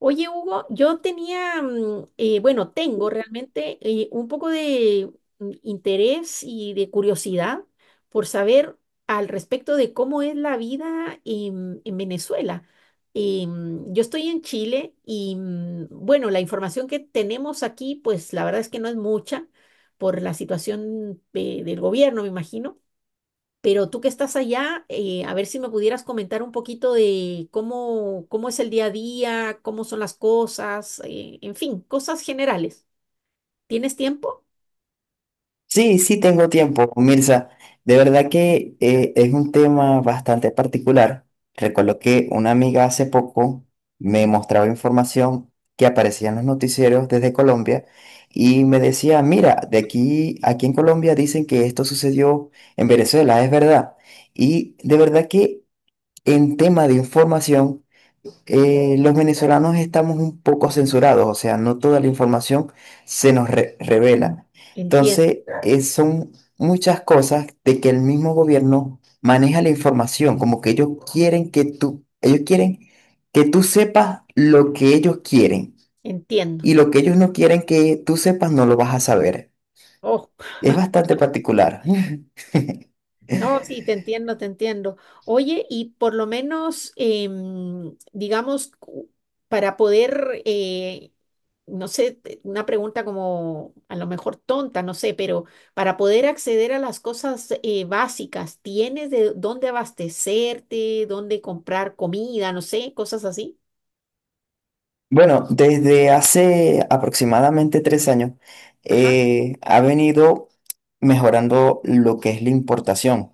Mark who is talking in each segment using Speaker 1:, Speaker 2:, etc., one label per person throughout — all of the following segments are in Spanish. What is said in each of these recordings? Speaker 1: Oye, Hugo, yo tenía, bueno, tengo realmente un poco de interés y de curiosidad por saber al respecto de cómo es la vida en Venezuela. Yo estoy en Chile y, bueno, la información que tenemos aquí, pues la verdad es que no es mucha por la situación del gobierno, me imagino. Pero tú que estás allá, a ver si me pudieras comentar un poquito de cómo es el día a día, cómo son las cosas, en fin, cosas generales. ¿Tienes tiempo?
Speaker 2: Sí, sí tengo tiempo, Mirza. De verdad que es un tema bastante particular. Recuerdo que una amiga hace poco me mostraba información que aparecía en los noticieros desde Colombia y me decía, mira, aquí en Colombia dicen que esto sucedió en Venezuela, es verdad. Y de verdad que en tema de información los venezolanos estamos un poco censurados, o sea, no toda la información se nos revela.
Speaker 1: Entiendo,
Speaker 2: Entonces, son muchas cosas de que el mismo gobierno maneja la información, como que ellos quieren que tú sepas lo que ellos quieren
Speaker 1: entiendo.
Speaker 2: y lo que ellos no quieren que tú sepas no lo vas a saber.
Speaker 1: Oh.
Speaker 2: Es bastante particular.
Speaker 1: No, sí, te entiendo, te entiendo. Oye, y por lo menos, digamos, para poder, no sé, una pregunta como a lo mejor tonta, no sé, pero para poder acceder a las cosas básicas, ¿tienes de dónde abastecerte, dónde comprar comida, no sé, cosas así?
Speaker 2: Bueno, desde hace aproximadamente 3 años
Speaker 1: Ajá.
Speaker 2: ha venido mejorando lo que es la importación,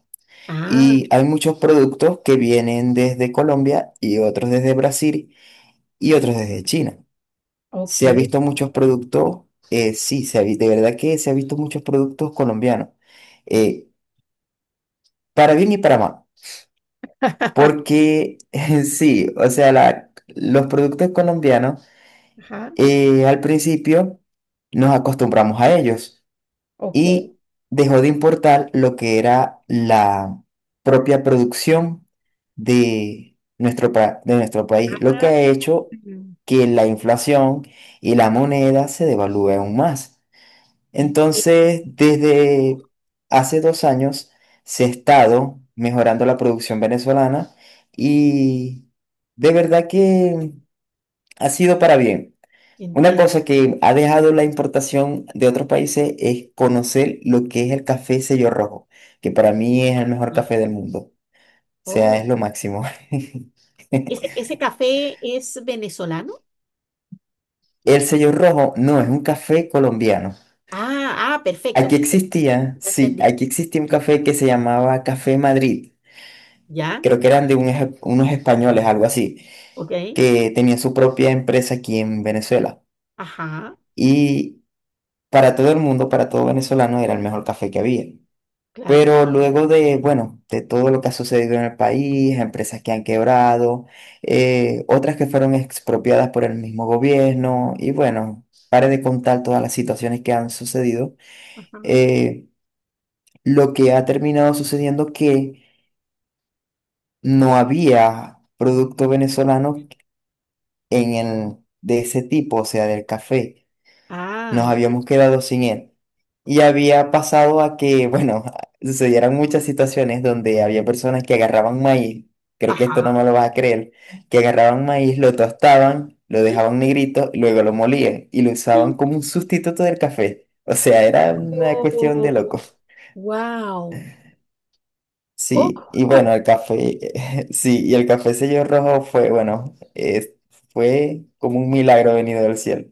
Speaker 1: Ah,
Speaker 2: y hay muchos productos que vienen desde Colombia y otros desde Brasil y otros desde China. Se ha
Speaker 1: ok.
Speaker 2: visto muchos productos, sí, de verdad que se ha visto muchos productos colombianos, eh, para bien y para mal,
Speaker 1: Ajá,
Speaker 2: porque sí, o sea, los productos colombianos al principio nos acostumbramos a ellos
Speaker 1: ok.
Speaker 2: y dejó de importar lo que era la propia producción de de nuestro país, lo que ha hecho que la inflación y la moneda se devalúe aún más.
Speaker 1: Entiendo,
Speaker 2: Entonces, desde hace 2 años se ha estado mejorando la producción venezolana y de verdad que ha sido para bien. Una
Speaker 1: entiendo.
Speaker 2: cosa que ha dejado la importación de otros países es conocer lo que es el café sello rojo, que para mí es el mejor café del mundo. O sea,
Speaker 1: Oh,
Speaker 2: es lo máximo.
Speaker 1: ese café es venezolano?
Speaker 2: El sello rojo no es un café colombiano.
Speaker 1: Ah, ah, perfecto,
Speaker 2: Aquí
Speaker 1: claro,
Speaker 2: existía,
Speaker 1: ya
Speaker 2: sí,
Speaker 1: entendí.
Speaker 2: aquí existía un café que se llamaba Café Madrid.
Speaker 1: Ya,
Speaker 2: Creo que eran de unos españoles, algo así,
Speaker 1: ok.
Speaker 2: que tenía su propia empresa aquí en Venezuela.
Speaker 1: Ajá,
Speaker 2: Y para todo el mundo, para todo venezolano, era el mejor café que había.
Speaker 1: claro.
Speaker 2: Pero luego de, bueno, de todo lo que ha sucedido en el país, empresas que han quebrado, otras que fueron expropiadas por el mismo gobierno, y bueno, pare de contar todas las situaciones que han sucedido,
Speaker 1: Ajá.
Speaker 2: eh, lo que ha terminado sucediendo que no había producto venezolano en de ese tipo, o sea, del café.
Speaker 1: Ah,
Speaker 2: Nos
Speaker 1: ya.
Speaker 2: habíamos quedado sin él. Y había pasado a que, bueno, sucedieran muchas situaciones donde había personas que agarraban maíz, creo que esto no
Speaker 1: Ajá.
Speaker 2: me lo vas a creer, que agarraban maíz, lo tostaban, lo dejaban negrito, y luego lo molían y lo usaban como un sustituto del café. O sea, era una cuestión de loco.
Speaker 1: Wow.
Speaker 2: Sí,
Speaker 1: Oh,
Speaker 2: y bueno, sí, y el café sello rojo fue, bueno, fue como un milagro venido del cielo.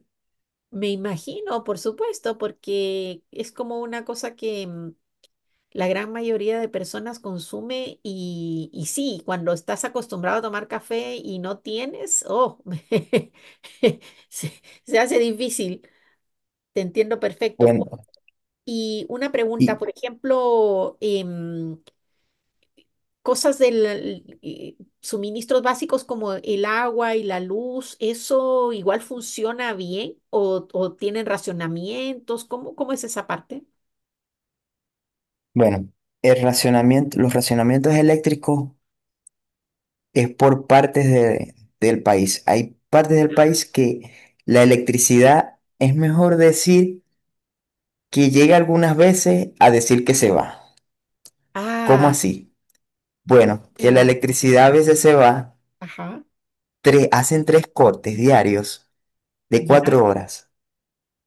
Speaker 1: me imagino, por supuesto, porque es como una cosa que la gran mayoría de personas consume y sí, cuando estás acostumbrado a tomar café y no tienes, oh, se, se hace difícil. Te entiendo perfecto.
Speaker 2: Bueno,
Speaker 1: Y una pregunta,
Speaker 2: y,
Speaker 1: por ejemplo, cosas del suministros básicos como el agua y la luz, ¿eso igual funciona bien o tienen racionamientos? ¿Cómo es esa parte?
Speaker 2: Bueno, el racionamiento, los racionamientos eléctricos es por del país. Hay partes del país que la electricidad es mejor decir que llega algunas veces a decir que se va. ¿Cómo
Speaker 1: Ah,
Speaker 2: así?
Speaker 1: o
Speaker 2: Bueno, que la
Speaker 1: sea,
Speaker 2: electricidad a veces se va,
Speaker 1: ajá,
Speaker 2: hacen tres cortes diarios de
Speaker 1: ya.
Speaker 2: 4 horas.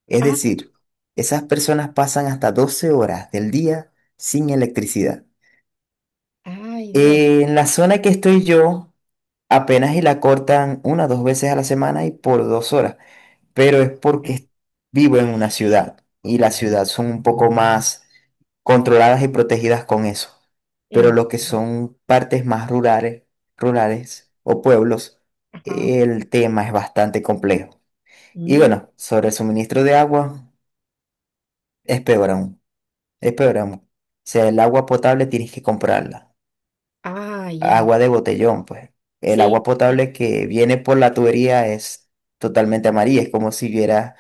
Speaker 2: Es
Speaker 1: Ah,
Speaker 2: decir, esas personas pasan hasta 12 horas del día sin electricidad.
Speaker 1: ay, Dios.
Speaker 2: En la zona que estoy yo, apenas y la cortan una o dos veces a la semana y por 2 horas. Pero es porque vivo en una ciudad y las ciudades son un poco más controladas y protegidas con eso. Pero
Speaker 1: En-
Speaker 2: lo que son partes más rurales, rurales o pueblos,
Speaker 1: ajá.
Speaker 2: el tema es bastante complejo. Y
Speaker 1: Mm,
Speaker 2: bueno, sobre el suministro de agua, es peor aún, es peor aún. O sea, el agua potable tienes que comprarla.
Speaker 1: ah, ya.
Speaker 2: Agua de botellón, pues. El agua
Speaker 1: Sí.
Speaker 2: potable que viene por la tubería es totalmente amarilla, es como si hubiera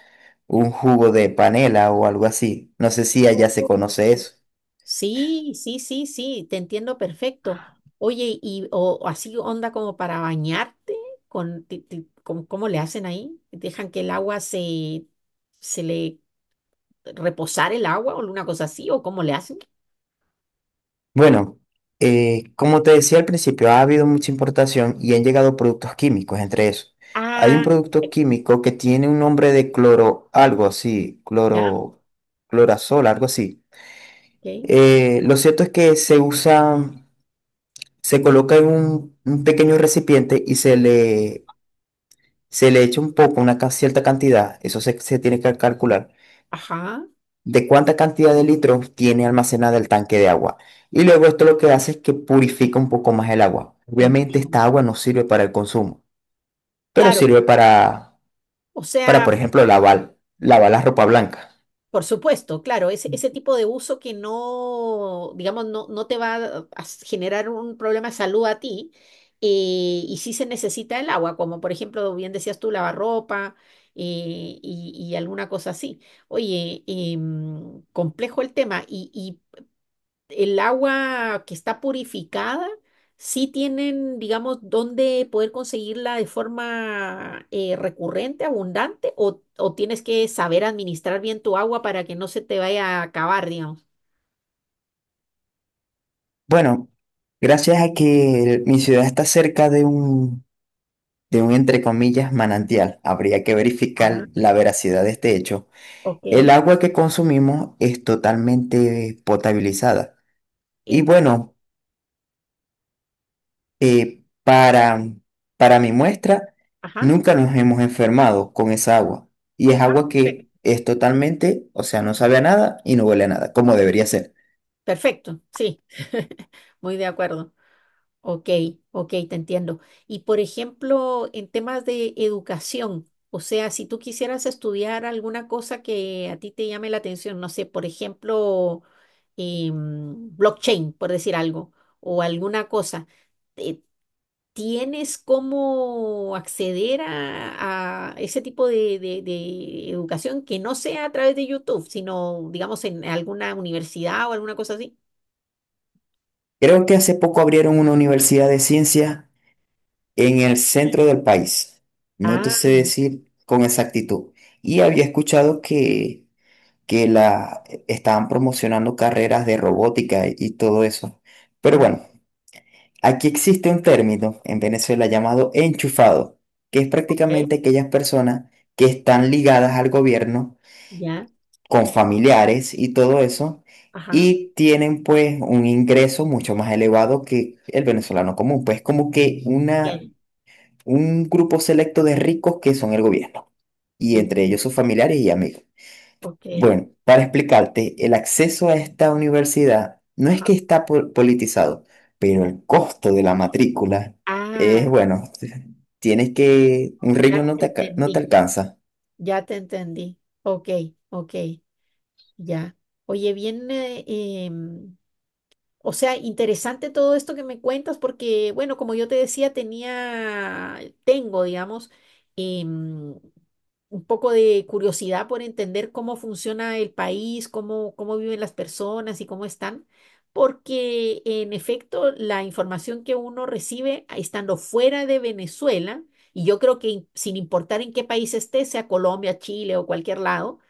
Speaker 2: un jugo de panela o algo así. No sé si allá se conoce eso.
Speaker 1: Sí. Sí, sí, sí, sí, te entiendo perfecto. Oye, y o así onda como para bañarte, con, ti- ti- con- ¿Cómo le hacen ahí? ¿Dejan que el agua se le reposar el agua o una cosa así? ¿O cómo le hacen?
Speaker 2: Bueno, como te decía al principio, ha habido mucha importación y han llegado productos químicos entre esos. Hay un
Speaker 1: Ah,
Speaker 2: producto químico que tiene un nombre de cloro, algo así,
Speaker 1: ya,
Speaker 2: cloro, clorazol, algo así.
Speaker 1: ok.
Speaker 2: Lo cierto es que se coloca en un pequeño recipiente y se le echa un poco, cierta cantidad, eso se tiene que calcular,
Speaker 1: Ajá,
Speaker 2: de cuánta cantidad de litros tiene almacenada el tanque de agua. Y luego esto lo que hace es que purifica un poco más el agua. Obviamente
Speaker 1: entiendo.
Speaker 2: esta agua no sirve para el consumo, pero
Speaker 1: Claro,
Speaker 2: sirve
Speaker 1: o
Speaker 2: para por
Speaker 1: sea.
Speaker 2: ejemplo, lavar, lavar la ropa blanca.
Speaker 1: Por supuesto, claro, ese tipo de uso que no, digamos, no te va a generar un problema de salud a ti, y sí se necesita el agua, como por ejemplo, bien decías tú, lavarropa y alguna cosa así. Oye, complejo el tema. Y el agua que está purificada, ¿sí tienen, digamos, dónde poder conseguirla de forma recurrente, abundante, o tienes que saber administrar bien tu agua para que no se te vaya a acabar, digamos?
Speaker 2: Bueno, gracias a que mi ciudad está cerca de un, entre comillas, manantial, habría que
Speaker 1: Ah,
Speaker 2: verificar la veracidad de este hecho. El
Speaker 1: ok.
Speaker 2: agua que consumimos es totalmente potabilizada. Y
Speaker 1: Ent-
Speaker 2: bueno, eh, para, para mi muestra,
Speaker 1: Ajá.
Speaker 2: nunca nos hemos enfermado con esa agua. Y es agua que
Speaker 1: Perfecto,
Speaker 2: es totalmente, o sea, no sabe a nada y no huele a nada, como debería ser.
Speaker 1: perfecto, sí, muy de acuerdo. Ok, ok, te entiendo. Y por ejemplo, en temas de educación, o sea, si tú quisieras estudiar alguna cosa que a ti te llame la atención, no sé, por ejemplo, blockchain, por decir algo, o alguna cosa, eh, ¿tienes cómo acceder a ese tipo de educación que no sea a través de YouTube, sino, digamos, en alguna universidad o alguna cosa así?
Speaker 2: Creo que hace poco abrieron una universidad de ciencias en el
Speaker 1: Sí.
Speaker 2: centro del país. No te
Speaker 1: Ah,
Speaker 2: sé decir con exactitud. Y había escuchado que la estaban promocionando carreras de robótica y todo eso. Pero
Speaker 1: ah,
Speaker 2: bueno, aquí existe un término en Venezuela llamado enchufado, que es
Speaker 1: ok,
Speaker 2: prácticamente aquellas personas que están ligadas al gobierno
Speaker 1: ya,
Speaker 2: con familiares y todo eso,
Speaker 1: ajá.
Speaker 2: y tienen pues un ingreso mucho más elevado que el venezolano común, pues como que
Speaker 1: Bien,
Speaker 2: un grupo selecto de ricos que son el gobierno, y
Speaker 1: bien,
Speaker 2: entre ellos sus familiares y amigos.
Speaker 1: ok,
Speaker 2: Bueno, para explicarte, el acceso a esta universidad no es
Speaker 1: ajá.
Speaker 2: que está politizado, pero el costo de la matrícula
Speaker 1: Ah,
Speaker 2: es, bueno, tienes que, un
Speaker 1: ya
Speaker 2: riñón no
Speaker 1: te
Speaker 2: te, no te
Speaker 1: entendí,
Speaker 2: alcanza.
Speaker 1: ya te entendí. Ok, ok, ya. Oye, bien, o sea, interesante todo esto que me cuentas porque, bueno, como yo te decía, tenía, tengo, digamos, em, un poco de curiosidad por entender cómo funciona el país, cómo viven las personas y cómo están, porque en efecto la información que uno recibe estando fuera de Venezuela, y yo creo que sin importar en qué país esté, sea Colombia, Chile o cualquier lado,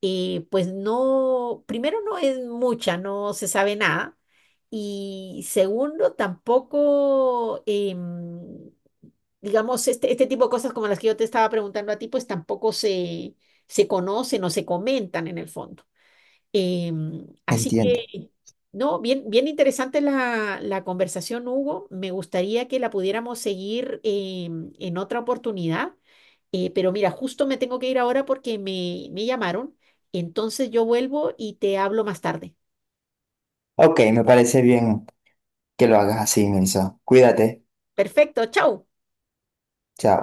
Speaker 1: pues no, primero no es mucha, no se sabe nada. Y segundo, tampoco, digamos, este tipo de cosas como las que yo te estaba preguntando a ti, pues tampoco se conocen o se comentan en el fondo. Así
Speaker 2: Entiendo.
Speaker 1: que, no, bien, bien interesante la conversación, Hugo. Me gustaría que la pudiéramos seguir en otra oportunidad. Pero mira, justo me tengo que ir ahora porque me llamaron. Entonces yo vuelvo y te hablo más tarde.
Speaker 2: Ok, me parece bien que lo hagas así, Melissa. Cuídate.
Speaker 1: Perfecto, chao.
Speaker 2: Chao.